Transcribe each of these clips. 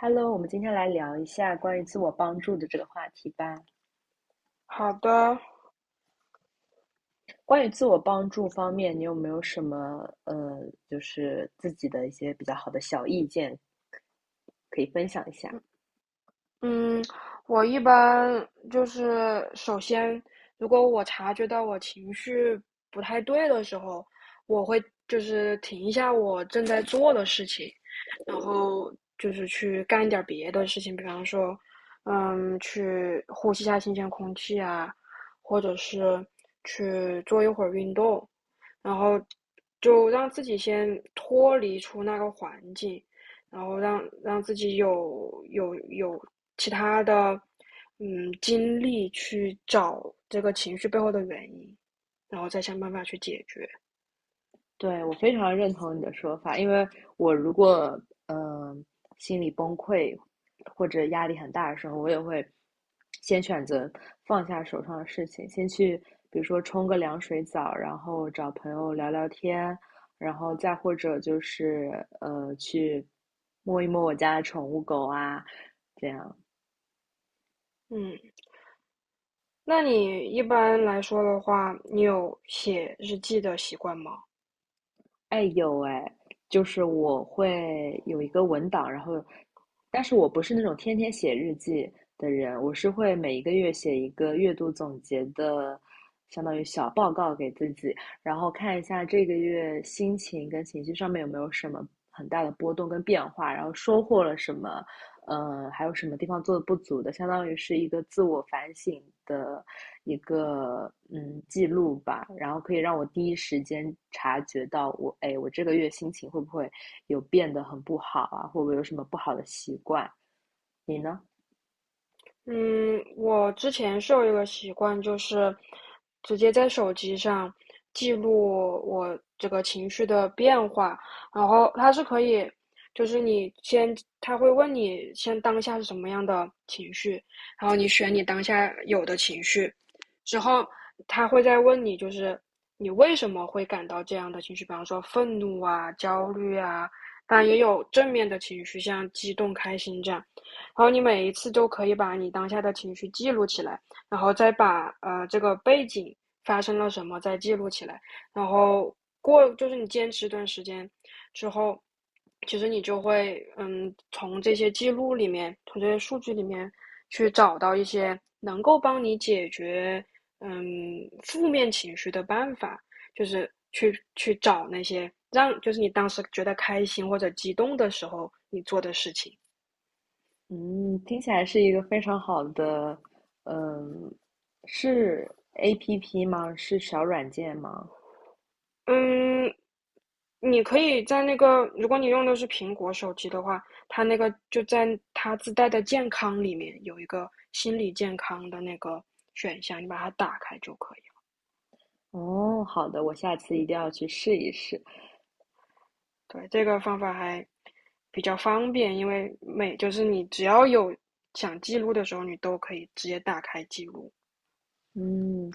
Hello，我们今天来聊一下关于自我帮助的这个话题吧。好的。关于自我帮助方面，你有没有什么就是自己的一些比较好的小意见可以分享一下？嗯，我一般就是首先，如果我察觉到我情绪不太对的时候，我会就是停一下我正在做的事情，然后就是去干一点儿别的事情，比方说，去呼吸一下新鲜空气啊，或者是去做一会儿运动，然后就让自己先脱离出那个环境，然后让自己有其他的精力去找这个情绪背后的原因，然后再想办法去解决。对，我非常认同你的说法，因为我如果嗯、呃心里崩溃或者压力很大的时候，我也会先选择放下手上的事情，先去比如说冲个凉水澡，然后找朋友聊聊天，然后再或者就是去摸一摸我家的宠物狗啊，这样。嗯。那你一般来说的话，你有写日记的习惯吗？哎，有哎，就是我会有一个文档，然后，但是我不是那种天天写日记的人，我是会每一个月写一个月度总结的，相当于小报告给自己，然后看一下这个月心情跟情绪上面有没有什么很大的波动跟变化，然后收获了什么，还有什么地方做的不足的，相当于是一个自我反省的一个记录吧，然后可以让我第一时间察觉到我，哎，我这个月心情会不会有变得很不好啊，会不会有什么不好的习惯？你呢？嗯，我之前是有一个习惯，就是直接在手机上记录我这个情绪的变化，然后它是可以，就是你先，他会问你先当下是什么样的情绪，然后你选你当下有的情绪，之后他会再问你，就是你为什么会感到这样的情绪，比方说愤怒啊、焦虑啊，当然也有正面的情绪，像激动、开心这样。然后你每一次都可以把你当下的情绪记录起来，然后再把这个背景发生了什么再记录起来，然后过就是你坚持一段时间之后，其实你就会从这些记录里面，从这些数据里面去找到一些能够帮你解决嗯负面情绪的办法，就是去找那些让就是你当时觉得开心或者激动的时候你做的事情。嗯，听起来是一个非常好的，嗯，是 APP 吗？是小软件吗？嗯，你可以在那个，如果你用的是苹果手机的话，它那个就在它自带的健康里面有一个心理健康的那个选项，你把它打开就可以了。哦，好的，我下次一定要去试一试。对，这个方法还比较方便，因为每就是你只要有想记录的时候，你都可以直接打开记录。嗯，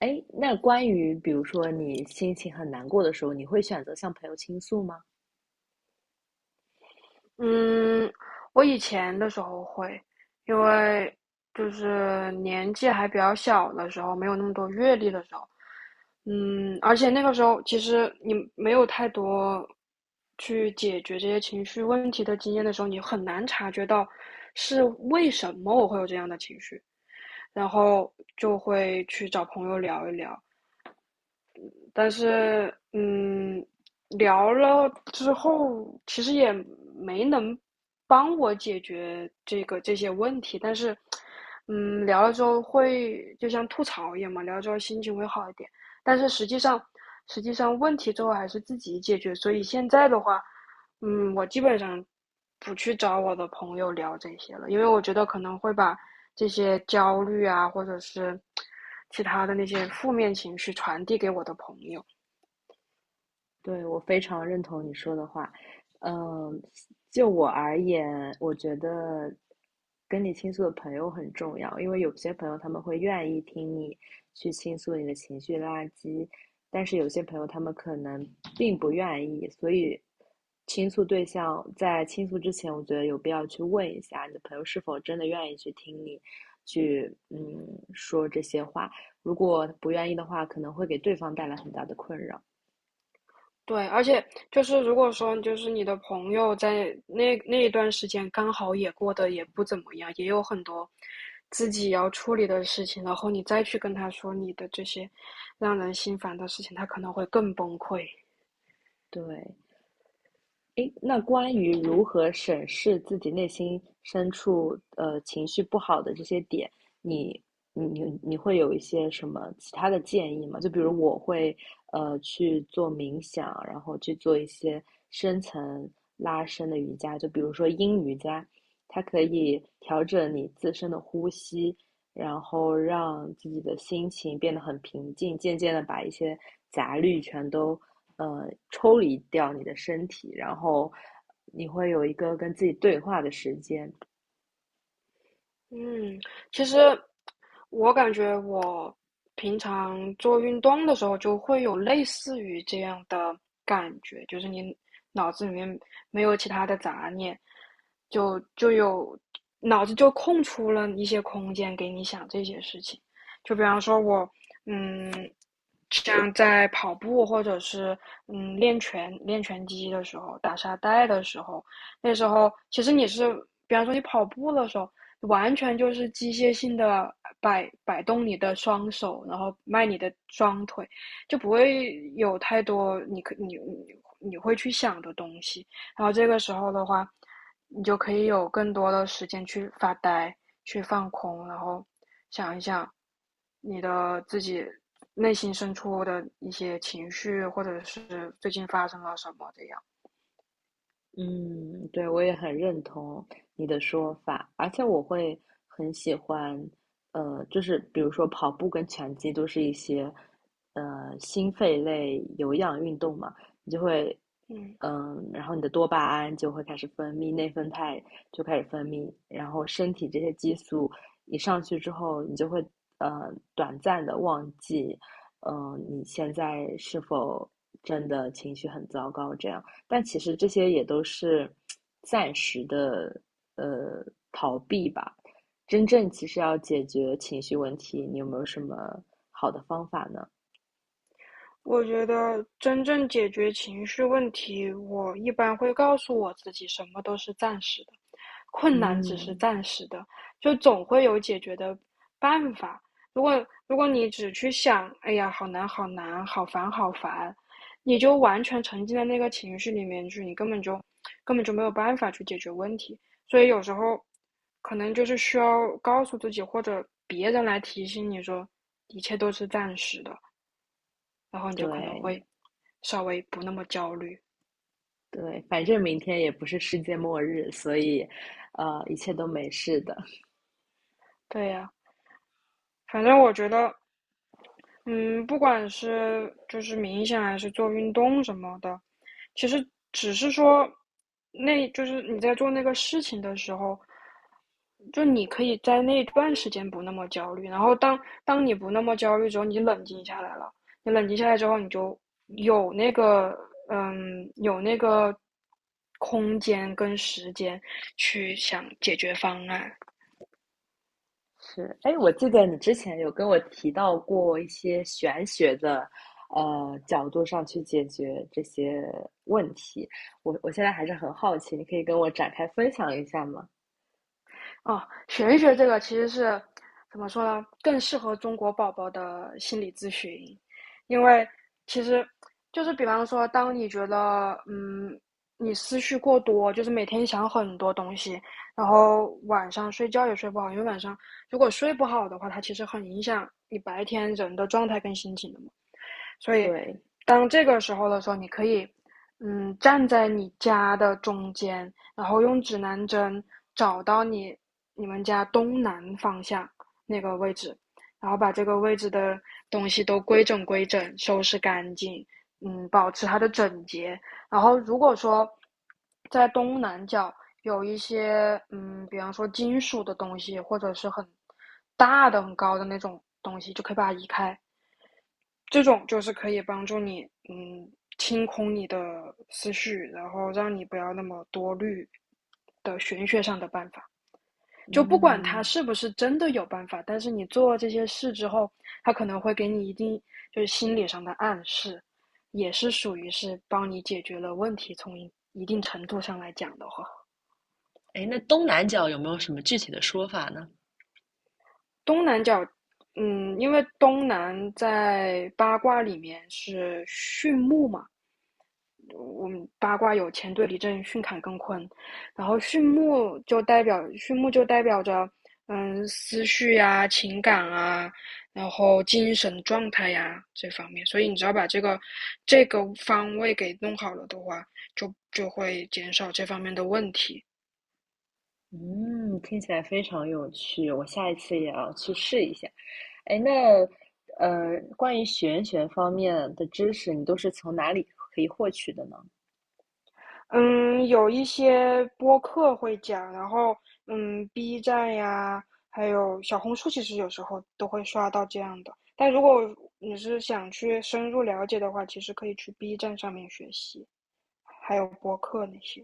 哎，那关于比如说你心情很难过的时候，你会选择向朋友倾诉吗？嗯，我以前的时候会，因为就是年纪还比较小的时候，没有那么多阅历的时候，嗯，而且那个时候其实你没有太多去解决这些情绪问题的经验的时候，你很难察觉到是为什么我会有这样的情绪，然后就会去找朋友聊一聊，但是聊了之后，其实也没能帮我解决这些问题，但是嗯，聊了之后会就像吐槽一样嘛，聊了之后心情会好一点，但是实际上问题最后还是自己解决，所以现在的话，嗯，我基本上不去找我的朋友聊这些了，因为我觉得可能会把这些焦虑啊，或者是其他的那些负面情绪传递给我的朋友。对，我非常认同你说的话。嗯，就我而言，我觉得跟你倾诉的朋友很重要，因为有些朋友他们会愿意听你去倾诉你的情绪垃圾，但是有些朋友他们可能并不愿意，所以倾诉对象在倾诉之前，我觉得有必要去问一下你的朋友是否真的愿意去听你去说这些话，如果不愿意的话，可能会给对方带来很大的困扰。对，而且就是如果说就是你的朋友在那一段时间刚好也过得也不怎么样，也有很多自己要处理的事情，然后你再去跟他说你的这些让人心烦的事情，他可能会更崩溃。对，诶，那关于如何审视自己内心深处，情绪不好的这些点，你你会有一些什么其他的建议吗？就比如我会去做冥想，然后去做一些深层拉伸的瑜伽，就比如说阴瑜伽，它可以调整你自身的呼吸，然后让自己的心情变得很平静，渐渐的把一些杂虑全都抽离掉你的身体，然后你会有一个跟自己对话的时间。嗯，其实我感觉我平常做运动的时候就会有类似于这样的感觉，就是你脑子里面没有其他的杂念，就有脑子就空出了一些空间给你想这些事情。就比方说我，嗯，像在跑步或者是练拳击的时候，打沙袋的时候，那时候其实你是，比方说你跑步的时候。完全就是机械性的摆动你的双手，然后迈你的双腿，就不会有太多你可你你你会去想的东西。然后这个时候的话，你就可以有更多的时间去发呆、去放空，然后想一想你的自己内心深处的一些情绪，或者是最近发生了什么这样。嗯，对，我也很认同你的说法，而且我会很喜欢，就是比如说跑步跟拳击都是一些，心肺类有氧运动嘛，你就会，嗯。然后你的多巴胺就会开始分泌，内啡肽就开始分泌，然后身体这些激素一上去之后，你就会，短暂的忘记，你现在是否真的情绪很糟糕这样。但其实这些也都是暂时的呃逃避吧。真正其实要解决情绪问题，你有没有什么好的方法呢？我觉得真正解决情绪问题，我一般会告诉我自己，什么都是暂时的，困难只是嗯，暂时的，就总会有解决的办法。如果你只去想，哎呀，好难，好难，好烦，好烦，你就完全沉浸在那个情绪里面去，你根本就没有办法去解决问题。所以有时候可能就是需要告诉自己，或者别人来提醒你说，一切都是暂时的。然后你就可能对会稍微不那么焦虑。对，反正明天也不是世界末日，所以一切都没事的。对呀、反正我觉得，嗯，不管是就是冥想还是做运动什么的，其实只是说，那就是你在做那个事情的时候，就你可以在那段时间不那么焦虑，然后当你不那么焦虑之后，你冷静下来了，你冷静下来之后，你就有那个有那个空间跟时间去想解决方案。是，哎，我记得你之前有跟我提到过一些玄学的角度上去解决这些问题，我现在还是很好奇，你可以跟我展开分享一下吗？哦，玄学这个其实是怎么说呢？更适合中国宝宝的心理咨询，因为其实就是比方说，当你觉得你思绪过多，就是每天想很多东西，然后晚上睡觉也睡不好，因为晚上如果睡不好的话，它其实很影响你白天人的状态跟心情的嘛。所以对，当这个时候的时候，你可以站在你家的中间，然后用指南针找到你你们家东南方向那个位置，然后把这个位置的东西都规整规整，收拾干净，嗯，保持它的整洁。然后如果说在东南角有一些比方说金属的东西，或者是很大的、很高的那种东西，就可以把它移开。这种就是可以帮助你，嗯，清空你的思绪，然后让你不要那么多虑的玄学上的办法。就不管它嗯是不是真的有办法，但是你做这些事之后，它可能会给你一定就是心理上的暗示，也是属于是帮你解决了问题。从一定程度上来讲的话，那东南角有没有什么具体的说法呢？东南角，嗯，因为东南在八卦里面是巽木嘛。我们八卦有乾对离震巽坎艮坤，然后巽木就代表着思绪呀、啊情感啊，然后精神状态呀啊这方面，所以你只要把这个方位给弄好了的话，就会减少这方面的问题。嗯，听起来非常有趣，我下一次也要去试一下。哎，那关于玄学方面的知识，你都是从哪里可以获取的呢？嗯，有一些播客会讲，然后嗯，B 站呀，还有小红书，其实有时候都会刷到这样的。但如果你是想去深入了解的话，其实可以去 B 站上面学习，还有播客那些。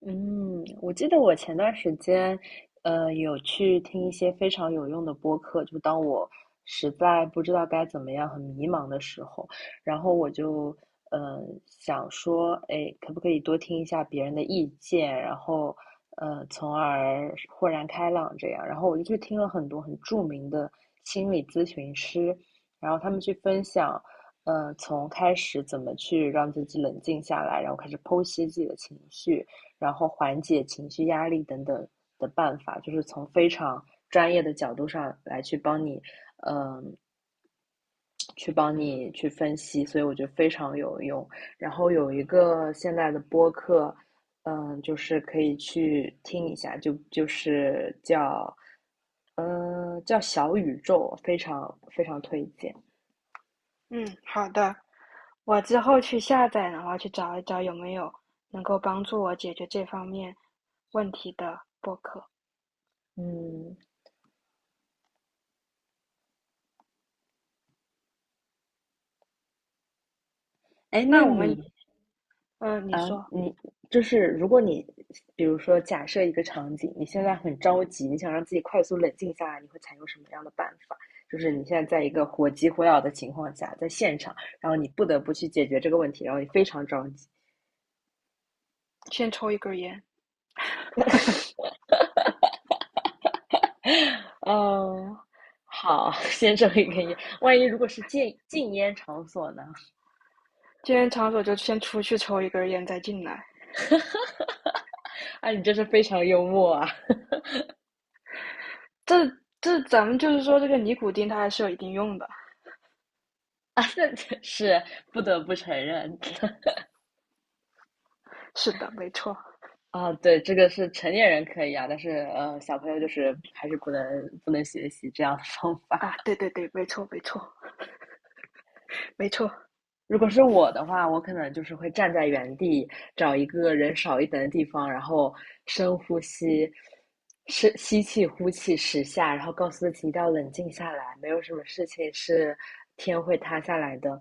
嗯，我记得我前段时间，有去听一些非常有用的播客，就当我实在不知道该怎么样、很迷茫的时候，然后我就，呃，想说，哎，可不可以多听一下别人的意见，然后，从而豁然开朗这样。然后我就去听了很多很著名的心理咨询师，然后他们去分享，从开始怎么去让自己冷静下来，然后开始剖析自己的情绪。然后缓解情绪压力等等的办法，就是从非常专业的角度上来去帮你，嗯，去帮你去分析，所以我觉得非常有用。然后有一个现在的播客，就是可以去听一下，就是叫，叫小宇宙，非常非常推荐。嗯，好的，我之后去下载，然后去找一找有没有能够帮助我解决这方面问题的播客。嗯，哎，那那我你们，嗯，你啊，说，你就是如果你，比如说假设一个场景，你现在很着急，你想让自己快速冷静下来，你会采用什么样的办法？就是你现在在一个火急火燎的情况下，在现场，然后你不得不去解决这个问题，然后你非常着急。先抽一根儿烟，嗯，好，先生一根烟。万一如果是禁烟场所呢？今天场所就先出去抽一根儿烟，再进来。啊，你真是非常幽默啊！这这咱们就是说，这个尼古丁它还是有一定用的。啊，那是不得不承认。是的，没错。啊，对，这个是成年人可以啊，但是小朋友就是还是不能学习这样的方法。啊，对对对，没错没错没错。如果是我的话，我可能就是会站在原地，找一个人少一点的地方，然后深呼吸，深吸气、呼气10下，然后告诉自己一定要冷静下来，没有什么事情是天会塌下来的。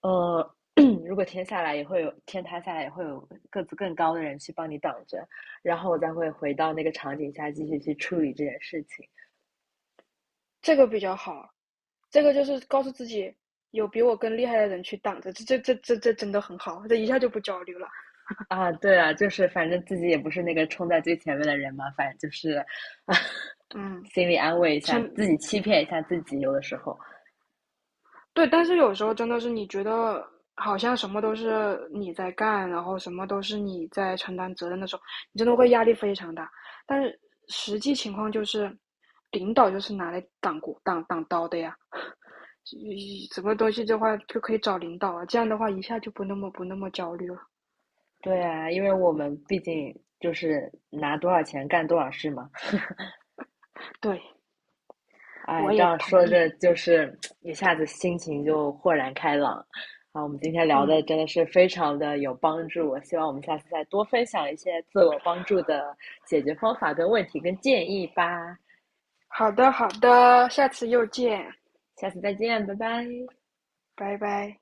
呃，如果天下来也会有天塌下来，也会有个子更高的人去帮你挡着，然后我再会回到那个场景下继续去处理这件事情。这个比较好，这个就是告诉自己有比我更厉害的人去挡着，这真的很好，这一下就不焦虑了。啊，对啊，就是反正自己也不是那个冲在最前面的人嘛，反正就是 嗯，心里安慰一下前自己，欺骗一下自己，有的时候。对，但是有时候真的是你觉得好像什么都是你在干，然后什么都是你在承担责任的时候，你真的会压力非常大。但是实际情况就是，领导就是拿来挡鼓挡挡刀的呀。嗯什么东西的话就可以找领导啊，这样的话一下就不那么焦虑了。对啊，因为我们毕竟就是拿多少钱干多少事嘛。对，哎，我这也样同说意。着就是一下子心情就豁然开朗。啊，我们今天聊的嗯，真的是非常的有帮助，我希望我们下次再多分享一些自我帮助的解决方法跟问题跟建议吧。好的好的，下次又见，下次再见，拜拜。拜拜。